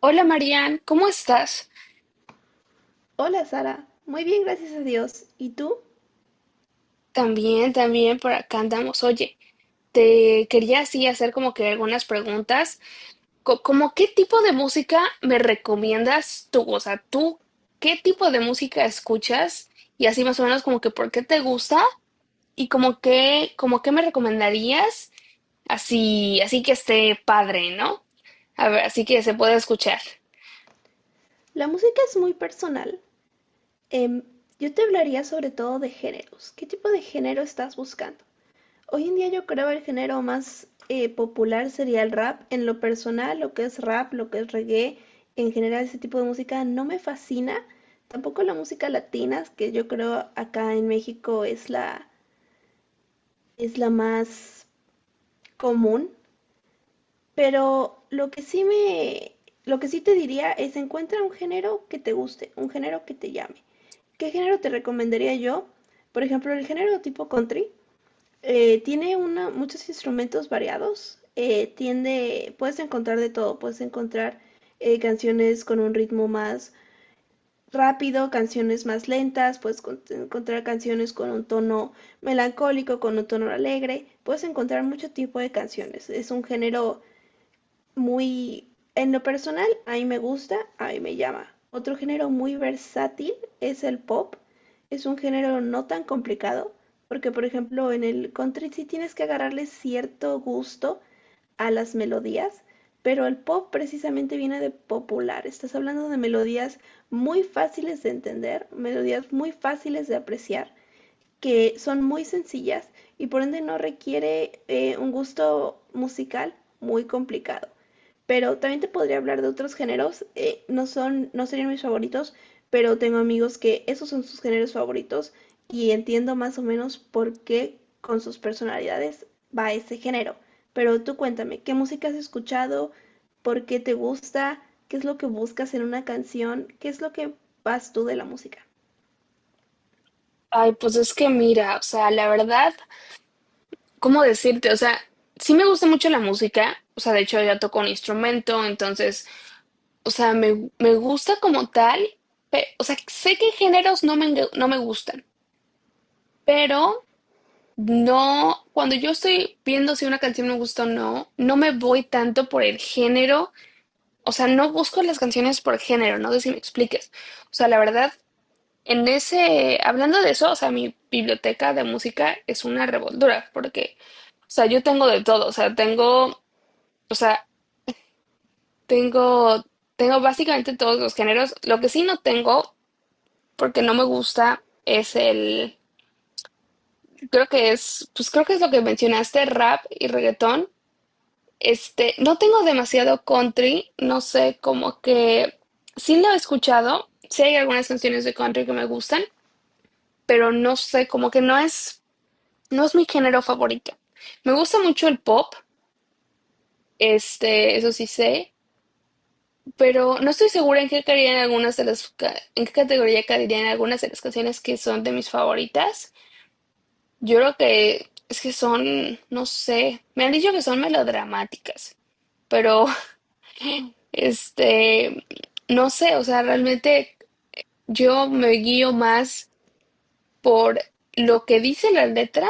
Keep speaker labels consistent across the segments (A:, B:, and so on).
A: Hola Marian, ¿cómo estás?
B: Hola Sara, muy bien, gracias a Dios. ¿Y tú?
A: También, también por acá andamos. Oye, te quería así hacer como que algunas preguntas. ¿Como qué tipo de música me recomiendas tú? O sea, tú, ¿qué tipo de música escuchas? Y así más o menos como que por qué te gusta y como que, como qué me recomendarías así, así que esté padre, ¿no? A ver, así que se pueda escuchar.
B: La música es muy personal. Em, yo te hablaría sobre todo de géneros. ¿Qué tipo de género estás buscando? Hoy en día yo creo el género más popular sería el rap. En lo personal, lo que es rap, lo que es reggae, en general ese tipo de música no me fascina. Tampoco la música latina, que yo creo acá en México es la más común. Pero lo que sí te diría es encuentra un género que te guste, un género que te llame. ¿Qué género te recomendaría yo? Por ejemplo, el género tipo country tiene muchos instrumentos variados. Tiende, puedes encontrar de todo. Puedes encontrar canciones con un ritmo más rápido, canciones más lentas. Encontrar canciones con un tono melancólico, con un tono alegre. Puedes encontrar mucho tipo de canciones. Es un género muy, en lo personal, a mí me gusta, a mí me llama. Otro género muy versátil es el pop. Es un género no tan complicado, porque por ejemplo en el country sí tienes que agarrarle cierto gusto a las melodías, pero el pop precisamente viene de popular. Estás hablando de melodías muy fáciles de entender, melodías muy fáciles de apreciar que son muy sencillas y por ende no requiere un gusto musical muy complicado. Pero también te podría hablar de otros géneros, no serían mis favoritos, pero tengo amigos que esos son sus géneros favoritos y entiendo más o menos por qué con sus personalidades va ese género. Pero tú cuéntame, ¿qué música has escuchado? ¿Por qué te gusta? ¿Qué es lo que buscas en una canción? ¿Qué es lo que vas tú de la música?
A: Ay, pues es que mira, o sea, la verdad, ¿cómo decirte? O sea, sí me gusta mucho la música. O sea, de hecho ya toco un instrumento, entonces, o sea, me gusta como tal. O sea, sé que géneros no me, no me gustan, pero no, cuando yo estoy viendo si una canción me gusta o no, no me voy tanto por el género. O sea, no busco las canciones por género, no sé si me expliques. O sea, la verdad, en ese, hablando de eso, o sea, mi biblioteca de música es una revoltura, porque... O sea, yo tengo de todo. O sea, tengo. O sea, tengo, tengo básicamente todos los géneros. Lo que sí no tengo, porque no me gusta, es el, creo que es, pues creo que es lo que mencionaste, rap y reggaetón. Este, no tengo demasiado country, no sé, como que sí lo he escuchado, sí hay algunas canciones de country que me gustan, pero no sé, como que no es, no es mi género favorito. Me gusta mucho el pop, este, eso sí sé, pero no estoy segura en qué caerían algunas de las, en qué categoría caerían algunas de las canciones que son de mis favoritas. Yo creo que es que son, no sé, me han dicho que son melodramáticas, pero este, no sé, o sea, realmente yo me guío más por lo que dice la letra,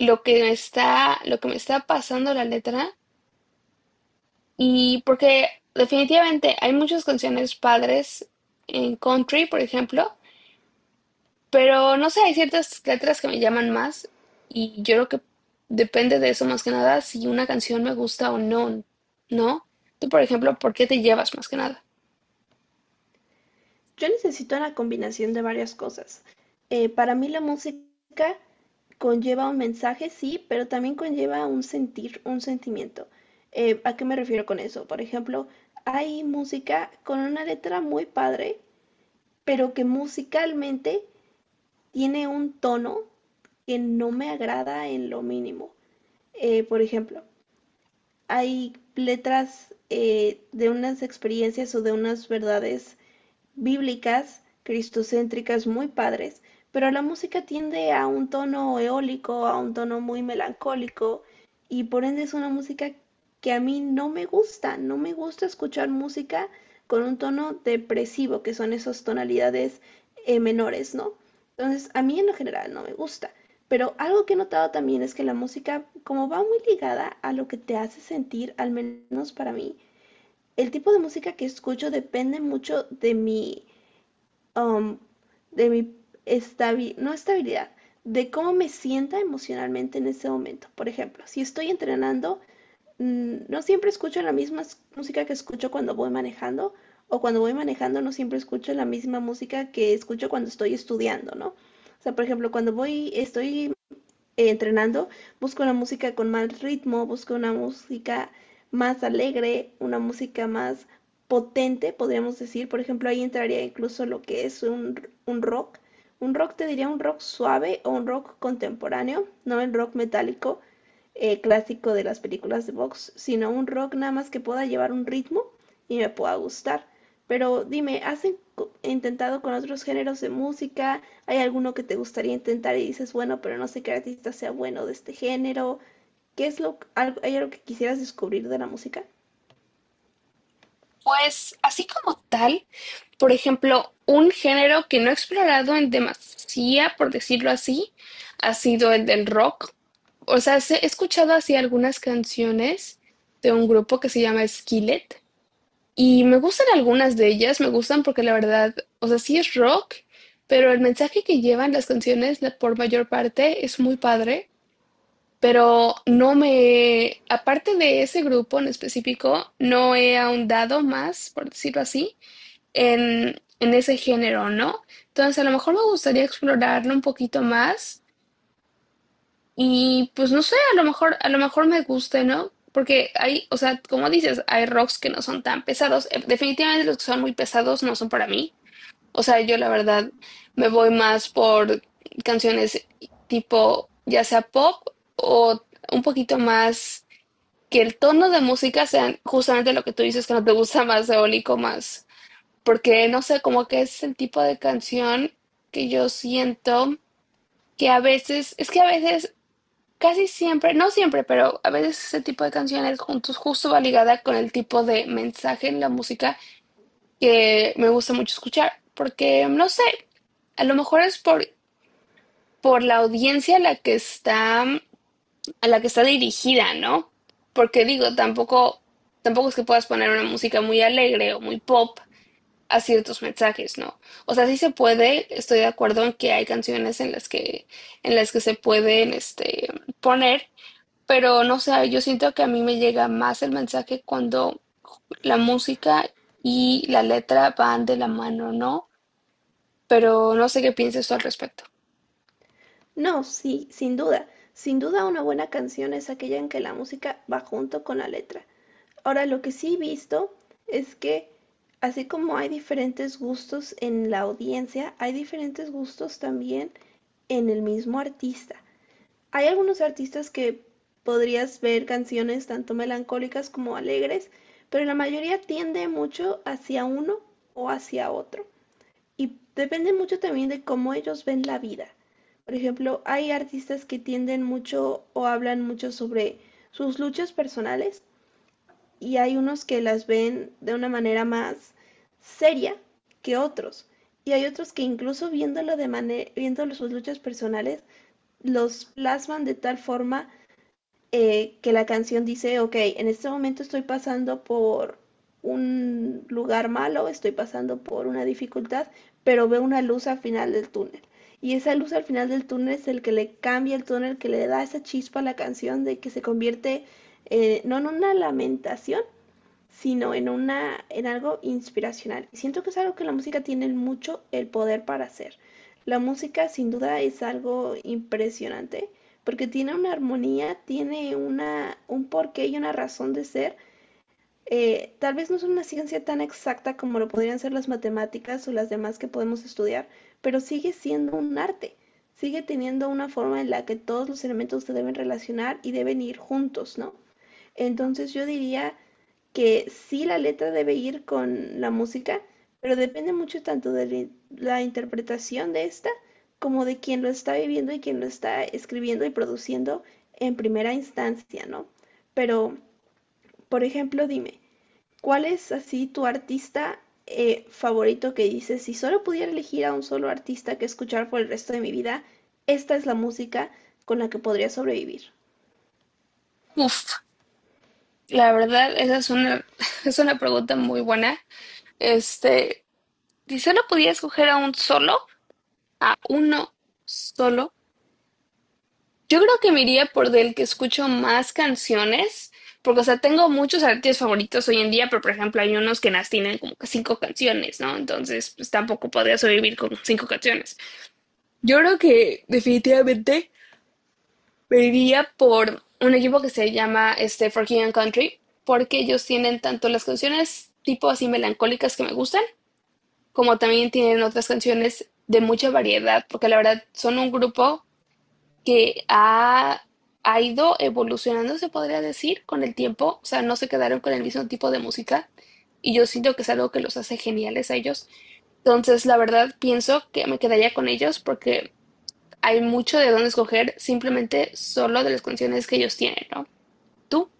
A: lo que me está, lo que me está pasando la letra, y porque definitivamente hay muchas canciones padres en country, por ejemplo. Pero no sé, hay ciertas letras que me llaman más y yo creo que depende de eso más que nada si una canción me gusta o no, ¿no? Tú, por ejemplo, ¿por qué te llevas más que nada?
B: Yo necesito una combinación de varias cosas. Para mí la música conlleva un mensaje, sí, pero también conlleva un sentir, un sentimiento. ¿A qué me refiero con eso? Por ejemplo, hay música con una letra muy padre, pero que musicalmente tiene un tono que no me agrada en lo mínimo. Por ejemplo, hay letras de unas experiencias o de unas verdades bíblicas, cristocéntricas muy padres, pero la música tiende a un tono eólico, a un tono muy melancólico y por ende es una música que a mí no me gusta, no me gusta escuchar música con un tono depresivo, que son esas tonalidades menores, ¿no? Entonces, a mí en lo general no me gusta, pero algo que he notado también es que la música, como va muy ligada a lo que te hace sentir, al menos para mí, el tipo de música que escucho depende mucho de mi um, de mi no estabilidad, de cómo me sienta emocionalmente en ese momento. Por ejemplo, si estoy entrenando, no siempre escucho la misma música que escucho cuando voy manejando, o cuando voy manejando no siempre escucho la misma música que escucho cuando estoy estudiando, ¿no? O sea, por ejemplo, estoy entrenando, busco una música con más ritmo, busco una música más alegre, una música más potente, podríamos decir. Por ejemplo, ahí entraría incluso lo que es un rock. Un rock te diría un rock suave o un rock contemporáneo, no el rock metálico clásico de las películas de box, sino un rock nada más que pueda llevar un ritmo y me pueda gustar. Pero dime, intentado con otros géneros de música? ¿Hay alguno que te gustaría intentar y dices, bueno, pero no sé qué artista sea bueno de este género? ¿Qué es hay algo que quisieras descubrir de la música?
A: Pues así como tal, por ejemplo, un género que no he explorado en demasía, por decirlo así, ha sido el del rock. O sea, sí he escuchado así algunas canciones de un grupo que se llama Skillet. Y me gustan algunas de ellas, me gustan porque la verdad, o sea, sí es rock, pero el mensaje que llevan las canciones, la, por mayor parte, es muy padre, pero no me, aparte de ese grupo en específico, no he ahondado más, por decirlo así, en ese género, ¿no? Entonces, a lo mejor me gustaría explorarlo un poquito más. Y pues no sé, a lo mejor me guste, ¿no? Porque hay, o sea, como dices, hay rocks que no son tan pesados. Definitivamente los que son muy pesados no son para mí. O sea, yo la verdad me voy más por canciones tipo, ya sea pop o un poquito más, que el tono de música sea justamente lo que tú dices que no te gusta, más eólico más. Porque no sé, como que es el tipo de canción que yo siento que a veces, es que a veces, casi siempre, no siempre, pero a veces ese tipo de canciones juntos justo va ligada con el tipo de mensaje en la música que me gusta mucho escuchar, porque no sé, a lo mejor es por la audiencia a la que está, a la que está dirigida, ¿no? Porque digo, tampoco, tampoco es que puedas poner una música muy alegre o muy pop a ciertos mensajes, ¿no? O sea, sí se puede, estoy de acuerdo en que hay canciones en las que se pueden, este, poner, pero no sé, yo siento que a mí me llega más el mensaje cuando la música y la letra van de la mano, ¿no? Pero no sé qué piensas tú al respecto.
B: No, sí, sin duda. Sin duda una buena canción es aquella en que la música va junto con la letra. Ahora, lo que sí he visto es que así como hay diferentes gustos en la audiencia, hay diferentes gustos también en el mismo artista. Hay algunos artistas que podrías ver canciones tanto melancólicas como alegres, pero la mayoría tiende mucho hacia uno o hacia otro. Y depende mucho también de cómo ellos ven la vida. Por ejemplo, hay artistas que tienden mucho o hablan mucho sobre sus luchas personales y hay unos que las ven de una manera más seria que otros. Y hay otros que incluso viendo sus luchas personales, los plasman de tal forma que la canción dice, ok, en este momento estoy pasando por un lugar malo, estoy pasando por una dificultad, pero veo una luz al final del túnel. Y esa luz al final del túnel es el que le cambia el túnel, que le da esa chispa a la canción de que se convierte, no en una lamentación, sino en una, en algo inspiracional. Siento que es algo que la música tiene mucho el poder para hacer. La música sin duda es algo impresionante porque tiene una armonía, tiene una un porqué y una razón de ser. Tal vez no es una ciencia tan exacta como lo podrían ser las matemáticas o las demás que podemos estudiar, pero sigue siendo un arte, sigue teniendo una forma en la que todos los elementos se deben relacionar y deben ir juntos, ¿no? Entonces yo diría que sí, la letra debe ir con la música, pero depende mucho tanto de la interpretación de esta como de quien lo está viviendo y quien lo está escribiendo y produciendo en primera instancia, ¿no? Pero, por ejemplo, dime, ¿cuál es así tu artista favorito que dices, si solo pudiera elegir a un solo artista que escuchar por el resto de mi vida, esta es la música con la que podría sobrevivir?
A: Uf, la verdad, esa es una, es una pregunta muy buena. Este, si solo pudiera escoger a un solo, a uno solo, yo creo que me iría por del que escucho más canciones, porque, o sea, tengo muchos artistas favoritos hoy en día, pero, por ejemplo, hay unos que nas tienen como que 5 canciones, ¿no? Entonces, pues tampoco podría sobrevivir con 5 canciones. Yo creo que definitivamente me iría por un equipo que se llama este Forgiven Country, porque ellos tienen tanto las canciones tipo así melancólicas que me gustan, como también tienen otras canciones de mucha variedad, porque la verdad son un grupo que ha, ha ido evolucionando, se podría decir, con el tiempo. O sea, no se quedaron con el mismo tipo de música. Y yo siento que es algo que los hace geniales a ellos. Entonces, la verdad, pienso que me quedaría con ellos porque hay mucho de dónde escoger simplemente solo de las canciones que ellos tienen, ¿no? ¿Tú?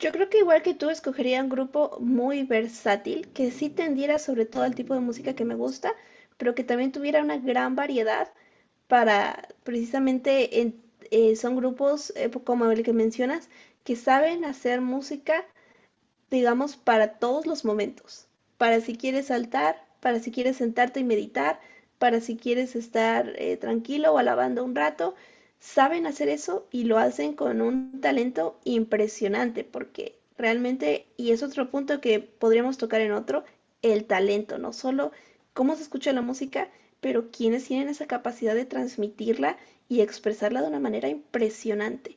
B: Yo creo que igual que tú escogería un grupo muy versátil, que sí tendiera sobre todo al tipo de música que me gusta, pero que también tuviera una gran variedad para precisamente son grupos como el que mencionas que saben hacer música, digamos, para todos los momentos. Para si quieres saltar, para si quieres sentarte y meditar, para si quieres estar tranquilo o alabando un rato. Saben hacer eso y lo hacen con un talento impresionante porque realmente, y es otro punto que podríamos tocar en otro, el talento, no solo cómo se escucha la música, pero quienes tienen esa capacidad de transmitirla y expresarla de una manera impresionante.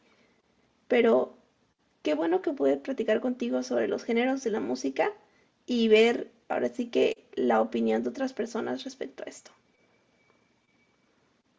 B: Pero qué bueno que pude platicar contigo sobre los géneros de la música y ver ahora sí que la opinión de otras personas respecto a esto.